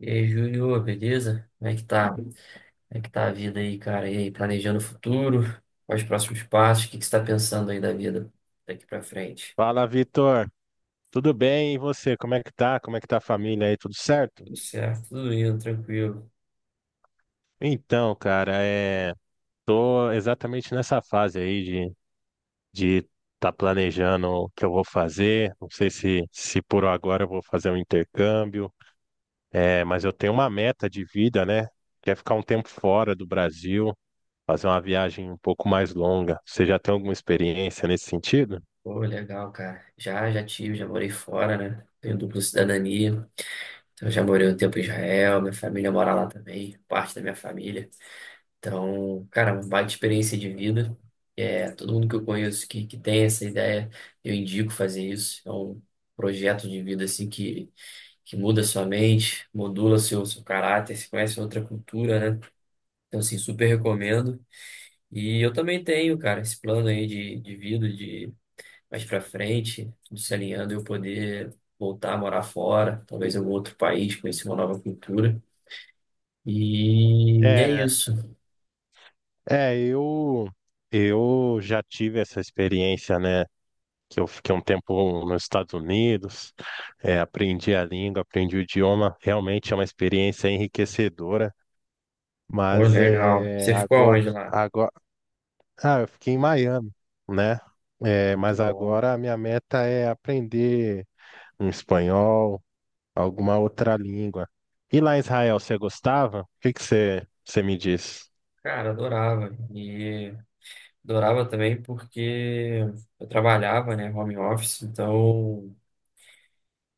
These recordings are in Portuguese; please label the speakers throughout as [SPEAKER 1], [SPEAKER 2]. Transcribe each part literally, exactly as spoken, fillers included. [SPEAKER 1] E aí, Júlio, beleza? Como é que tá? Como é que tá a vida aí, cara? E aí, planejando o futuro? Quais os próximos passos? O que que você tá pensando aí da vida daqui pra frente?
[SPEAKER 2] Fala, Vitor. Tudo bem? E você? Como é que tá? Como é que tá a família aí? Tudo certo?
[SPEAKER 1] Tudo certo, tudo indo, tranquilo.
[SPEAKER 2] Então, cara, é... Tô exatamente nessa fase aí de de tá planejando o que eu vou fazer. Não sei se se por agora eu vou fazer um intercâmbio, é... mas eu tenho uma meta de vida, né? Que é ficar um tempo fora do Brasil, fazer uma viagem um pouco mais longa. Você já tem alguma experiência nesse sentido?
[SPEAKER 1] Pô, legal, cara. Já, já tive, já morei fora, né? Tenho dupla cidadania. Então, já morei um tempo em Israel, minha família mora lá também, parte da minha família. Então, cara, uma baita experiência de vida. É, todo mundo que eu conheço que, que tem essa ideia, eu indico fazer isso. É um projeto de vida assim que, que muda sua mente, modula seu, seu caráter, se conhece outra cultura, né? Então, assim, super recomendo. E eu também tenho, cara, esse plano aí de, de vida, de mais pra frente, tudo se alinhando, eu poder voltar a morar fora, talvez em algum outro país, conhecer uma nova cultura. E é
[SPEAKER 2] É,
[SPEAKER 1] isso.
[SPEAKER 2] é, eu eu já tive essa experiência, né? Que eu fiquei um tempo nos Estados Unidos, eh, aprendi a língua, aprendi o idioma. Realmente é uma experiência enriquecedora,
[SPEAKER 1] Pô,
[SPEAKER 2] mas
[SPEAKER 1] legal.
[SPEAKER 2] é,
[SPEAKER 1] Você ficou
[SPEAKER 2] agora,
[SPEAKER 1] aonde lá?
[SPEAKER 2] agora, ah, eu fiquei em Miami, né? Eh,
[SPEAKER 1] Muito
[SPEAKER 2] mas
[SPEAKER 1] bom.
[SPEAKER 2] agora a minha meta é aprender um espanhol, alguma outra língua. E lá em Israel, você gostava? O que que você, você me diz?
[SPEAKER 1] Cara, adorava. E adorava também porque eu trabalhava, né, home office, então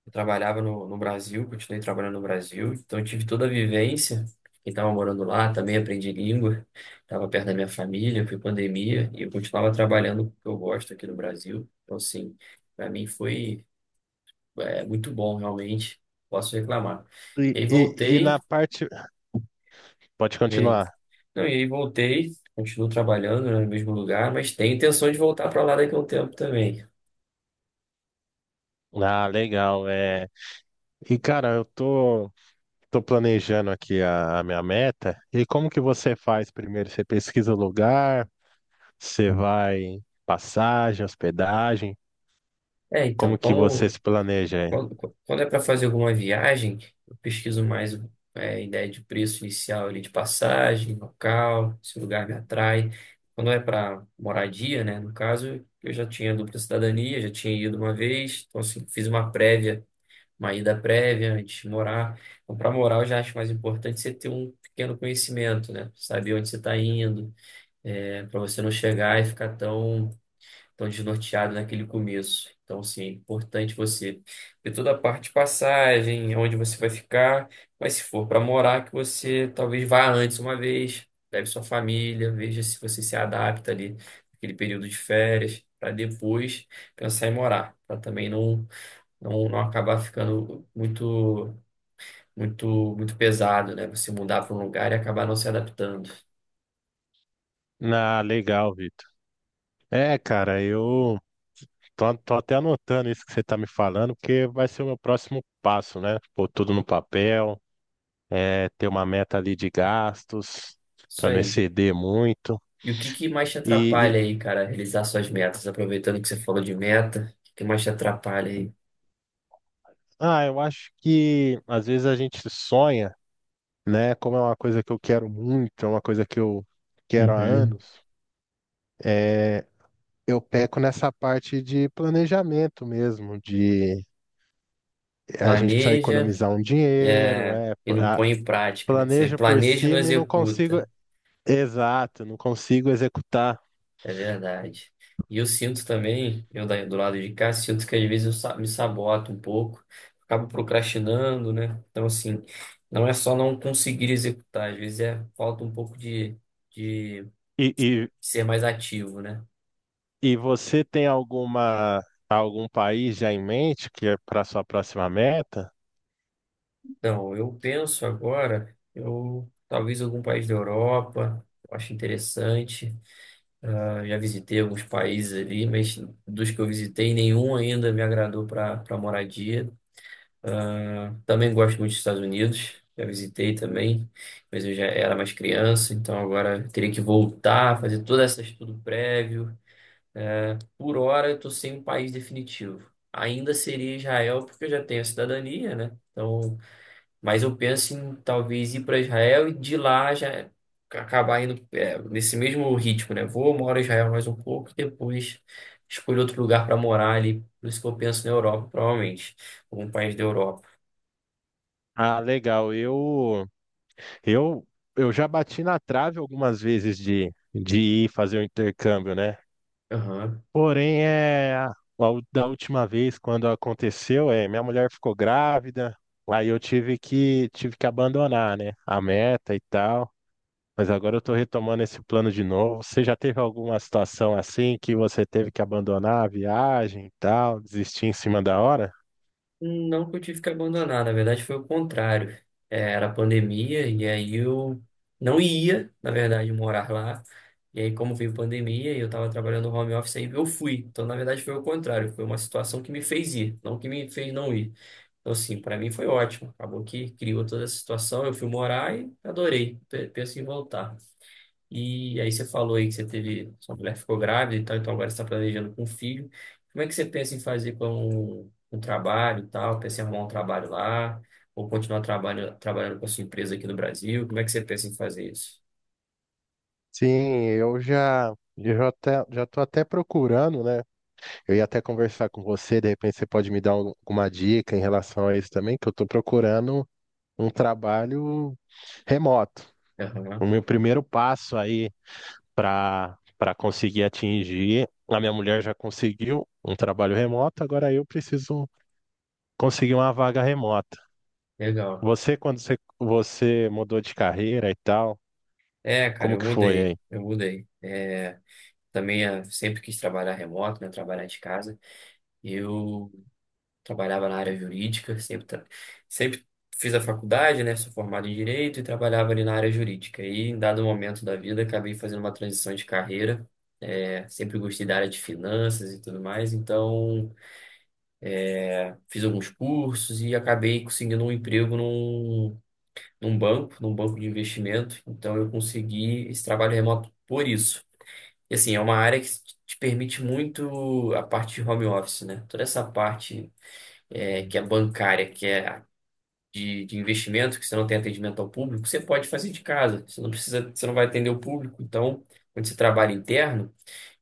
[SPEAKER 1] eu trabalhava no, no Brasil, continuei trabalhando no Brasil, então eu tive toda a vivência. Quem estava morando lá também aprendi língua, estava perto da minha família, foi pandemia, e eu continuava trabalhando com o que eu gosto aqui no Brasil. Então, assim, para mim foi é, muito bom, realmente, posso reclamar.
[SPEAKER 2] E,
[SPEAKER 1] E aí
[SPEAKER 2] e, e
[SPEAKER 1] voltei.
[SPEAKER 2] na parte. Pode
[SPEAKER 1] E aí,
[SPEAKER 2] continuar.
[SPEAKER 1] Não, e aí voltei, continuo trabalhando, né, no mesmo lugar, mas tenho intenção de voltar para lá daqui a um tempo também.
[SPEAKER 2] Ah, legal. É... E, cara, eu tô. estou planejando aqui a, a minha meta. E como que você faz primeiro? Você pesquisa o lugar, você vai passagem, hospedagem,
[SPEAKER 1] É, então,
[SPEAKER 2] como que você
[SPEAKER 1] como,
[SPEAKER 2] se planeja aí?
[SPEAKER 1] quando, quando é para fazer alguma viagem, eu pesquiso mais é, ideia de preço inicial ali de passagem, local, se o lugar me atrai. Quando é para moradia, né, no caso, eu já tinha dupla cidadania, já tinha ido uma vez, então assim, fiz uma prévia, uma ida prévia antes de morar. Então, para morar, eu já acho mais importante você ter um pequeno conhecimento, né? Saber onde você está indo para você não chegar e ficar tão, tão desnorteado naquele começo. Então, sim, é importante você ver toda a parte de passagem, onde você vai ficar, mas se for para morar, que você talvez vá antes uma vez, leve sua família, veja se você se adapta ali naquele período de férias, para depois pensar em morar, para também não, não, não acabar ficando muito, muito, muito pesado, né? Você mudar para um lugar e acabar não se adaptando.
[SPEAKER 2] Ah, legal, Vitor. É, cara, eu tô, tô até anotando isso que você tá me falando, porque vai ser o meu próximo passo, né? Pôr tudo no papel, é, ter uma meta ali de gastos,
[SPEAKER 1] Isso
[SPEAKER 2] para não
[SPEAKER 1] aí.
[SPEAKER 2] exceder muito.
[SPEAKER 1] E o que que mais te
[SPEAKER 2] E, e,
[SPEAKER 1] atrapalha aí, cara, realizar suas metas? Aproveitando que você falou de meta, o que que mais te atrapalha aí?
[SPEAKER 2] ah, eu acho que às vezes a gente sonha. Né? Como é uma coisa que eu quero muito, é uma coisa que eu quero há
[SPEAKER 1] Uhum.
[SPEAKER 2] anos, é, eu peco nessa parte de planejamento mesmo, de a gente precisa
[SPEAKER 1] Planeja,
[SPEAKER 2] economizar um dinheiro,
[SPEAKER 1] é,
[SPEAKER 2] é,
[SPEAKER 1] e não
[SPEAKER 2] pla-
[SPEAKER 1] põe em prática, né? Você
[SPEAKER 2] planejo por
[SPEAKER 1] planeja e não
[SPEAKER 2] cima e não consigo,
[SPEAKER 1] executa.
[SPEAKER 2] exato, não consigo executar.
[SPEAKER 1] É verdade. E eu sinto também, eu da- do lado de cá, sinto que às vezes eu sa- me saboto um pouco, acabo procrastinando, né? Então, assim, não é só não conseguir executar, às vezes é falta um pouco de, de
[SPEAKER 2] E, e,
[SPEAKER 1] ser mais ativo, né?
[SPEAKER 2] e você tem alguma algum país já em mente que é para sua próxima meta?
[SPEAKER 1] Não, eu penso agora, eu talvez algum país da Europa, eu acho interessante. Ah, já visitei alguns países ali, mas dos que eu visitei, nenhum ainda me agradou para para moradia. Também gosto muito dos Estados Unidos, já visitei também, mas eu já era mais criança, então agora eu teria que voltar, fazer todo esse estudo prévio. Por hora, eu estou sem um país definitivo. Ainda seria Israel, porque eu já tenho a cidadania, né? Então, mas eu penso em talvez ir para Israel e de lá já acabar indo é, nesse mesmo ritmo, né? Vou, moro em Israel mais um pouco e depois escolho outro lugar para morar ali. Por isso que eu penso na Europa, provavelmente. Algum país da Europa.
[SPEAKER 2] Ah, legal. Eu Eu, eu já bati na trave algumas vezes de, de ir fazer o intercâmbio, né?
[SPEAKER 1] Aham.
[SPEAKER 2] Porém, é a- da última vez quando aconteceu, é minha mulher ficou grávida, aí eu tive que tive que abandonar, né? A meta e tal. Mas agora eu tô retomando esse plano de novo. Você já teve alguma situação assim que você teve que abandonar a viagem e tal, desistir em cima da hora?
[SPEAKER 1] Não que eu tive que abandonar, na verdade foi o contrário. É, era pandemia e aí eu não ia, na verdade, morar lá. E aí, como veio pandemia e eu estava trabalhando no home office, aí eu fui. Então, na verdade, foi o contrário. Foi uma situação que me fez ir, não que me fez não ir. Então, assim, para mim foi ótimo. Acabou que criou toda essa situação. Eu fui morar e adorei. Pe- Penso em voltar. E aí você falou aí que você teve, sua mulher ficou grávida e tal, então agora você está planejando com um filho. Como é que você pensa em fazer com um trabalho e tal? Pensa em arrumar um trabalho lá ou continuar trabalho, trabalhando com a sua empresa aqui no Brasil? Como é que você pensa em fazer isso?
[SPEAKER 2] Sim, eu já eu já, até, já tô até procurando, né? Eu ia até conversar com você, de repente você pode me dar al- alguma dica em relação a isso também, que eu estou procurando um trabalho remoto. O
[SPEAKER 1] Aham,
[SPEAKER 2] meu primeiro passo aí para para conseguir atingir, a minha mulher já conseguiu um trabalho remoto, agora eu preciso conseguir uma vaga remota.
[SPEAKER 1] legal.
[SPEAKER 2] Você, quando você, você mudou de carreira e tal,
[SPEAKER 1] É, cara,
[SPEAKER 2] como
[SPEAKER 1] eu
[SPEAKER 2] que foi
[SPEAKER 1] mudei.
[SPEAKER 2] aí?
[SPEAKER 1] Eu mudei. É, também eh, sempre quis trabalhar remoto, né? Trabalhar de casa. Eu trabalhava na área jurídica, sempre, tra- sempre fiz a faculdade, né? Sou formado em direito e trabalhava ali na área jurídica. E em dado momento da vida, acabei fazendo uma transição de carreira. É, sempre gostei da área de finanças e tudo mais, então fiz alguns cursos e acabei conseguindo um emprego num, num banco, num banco de investimento. Então eu consegui esse trabalho remoto por isso. E assim, é uma área que te permite muito a parte de home office, né? Toda essa parte é, que é bancária, que é de, de investimento, que você não tem atendimento ao público, você pode fazer de casa. Você não precisa, você não vai atender o público. Então, quando você trabalha interno,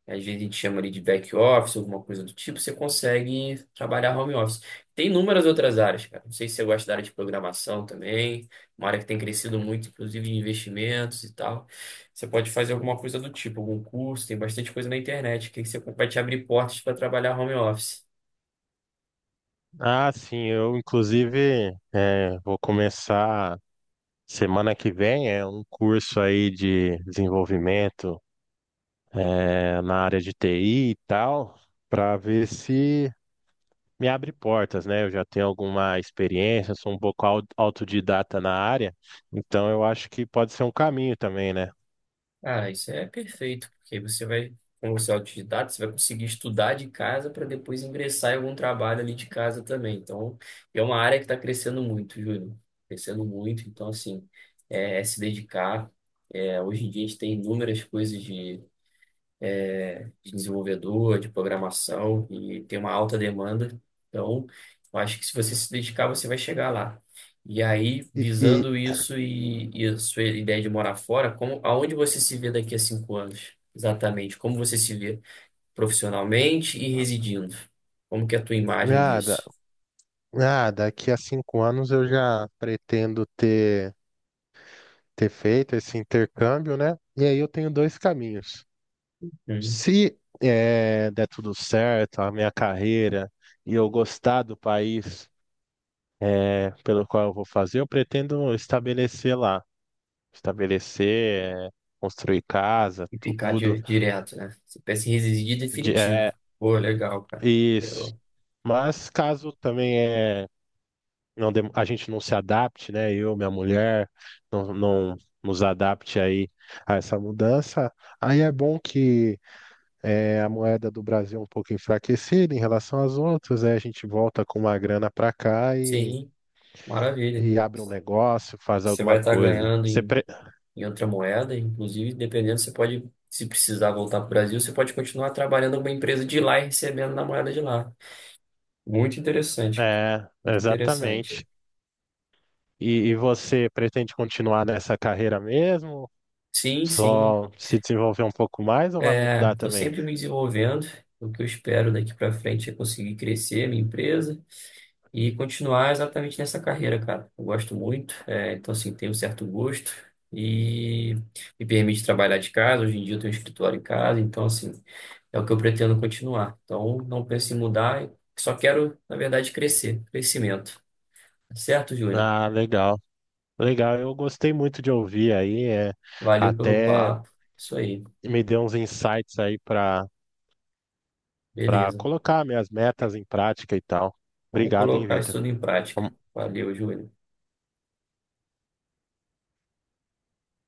[SPEAKER 1] às vezes a gente chama ali de back office, alguma coisa do tipo, você consegue trabalhar home office. Tem inúmeras outras áreas, cara. Não sei se você gosta da área de programação também, uma área que tem crescido muito, inclusive de investimentos e tal. Você pode fazer alguma coisa do tipo, algum curso, tem bastante coisa na internet que você vai te abrir portas para trabalhar home office.
[SPEAKER 2] Ah, sim, eu inclusive eh, vou começar. Semana que vem é um curso aí de desenvolvimento eh, na área de T I e tal, para ver se me abre portas, né? Eu já tenho alguma experiência, sou um pouco au- autodidata na área, então eu acho que pode ser um caminho também, né?
[SPEAKER 1] Ah, isso é perfeito, porque você vai, como você é autodidata, você vai conseguir estudar de casa para depois ingressar em algum trabalho ali de casa também. Então, é uma área que está crescendo muito, Júlio. Crescendo muito, então, assim, é, é se dedicar. É, hoje em dia a gente tem inúmeras coisas de de desenvolvedor, de programação e tem uma alta demanda. Então, eu acho que se você se dedicar, você vai chegar lá. E aí,
[SPEAKER 2] E, e
[SPEAKER 1] visando isso e, e a sua ideia de morar fora, como, aonde você se vê daqui a cinco anos? Exatamente, como você se vê profissionalmente e residindo? Como que é a tua imagem
[SPEAKER 2] nada,
[SPEAKER 1] disso?
[SPEAKER 2] nada, daqui a cinco anos eu já pretendo ter. Ter feito esse intercâmbio, né? E aí eu tenho dois caminhos.
[SPEAKER 1] Hum.
[SPEAKER 2] Se eh, der tudo certo, a minha carreira e eu gostar do país eh, pelo qual eu vou fazer, eu pretendo estabelecer lá, estabelecer, eh, construir casa,
[SPEAKER 1] E ficar
[SPEAKER 2] tudo,
[SPEAKER 1] di- direto, né? Você pensa em residir
[SPEAKER 2] de,
[SPEAKER 1] definitivo.
[SPEAKER 2] eh,
[SPEAKER 1] Pô, legal, cara.
[SPEAKER 2] isso.
[SPEAKER 1] Legal.
[SPEAKER 2] Mas caso também é não dem- a gente não se adapte, né? Eu, minha mulher, não, não nos adapte aí a essa mudança, aí é bom que É, a moeda do Brasil é um pouco enfraquecida em relação às outras, aí a gente volta com uma grana para cá e,
[SPEAKER 1] Sim, maravilha.
[SPEAKER 2] e abre um negócio, faz
[SPEAKER 1] Você vai
[SPEAKER 2] alguma
[SPEAKER 1] estar
[SPEAKER 2] coisa.
[SPEAKER 1] ganhando
[SPEAKER 2] Você
[SPEAKER 1] em
[SPEAKER 2] pre-
[SPEAKER 1] em outra moeda. Inclusive, dependendo, você pode, se precisar voltar para o Brasil, você pode continuar trabalhando em uma empresa de lá e recebendo na moeda de lá. Muito interessante,
[SPEAKER 2] É,
[SPEAKER 1] muito interessante.
[SPEAKER 2] exatamente. E, e você pretende continuar nessa carreira mesmo?
[SPEAKER 1] Sim, sim.
[SPEAKER 2] Só se desenvolver um pouco mais ou vai
[SPEAKER 1] É,
[SPEAKER 2] mudar
[SPEAKER 1] estou
[SPEAKER 2] também?
[SPEAKER 1] sempre me desenvolvendo. O que eu espero daqui para frente é conseguir crescer minha empresa e continuar exatamente nessa carreira, cara. Eu gosto muito, é, então assim, tenho um certo gosto e me permite trabalhar de casa. Hoje em dia eu tenho um escritório em casa, então assim, é o que eu pretendo continuar. Então, não penso em mudar, só quero, na verdade, crescer, crescimento. Tá certo, Júlia?
[SPEAKER 2] Ah, legal. Legal, eu gostei muito de ouvir aí, é,
[SPEAKER 1] Valeu pelo
[SPEAKER 2] até
[SPEAKER 1] papo. Isso aí,
[SPEAKER 2] me deu uns insights aí para para
[SPEAKER 1] beleza.
[SPEAKER 2] colocar minhas metas em prática e tal.
[SPEAKER 1] Vamos
[SPEAKER 2] Obrigado, hein,
[SPEAKER 1] colocar isso
[SPEAKER 2] Vitor.
[SPEAKER 1] tudo em prática. Valeu, Júlia.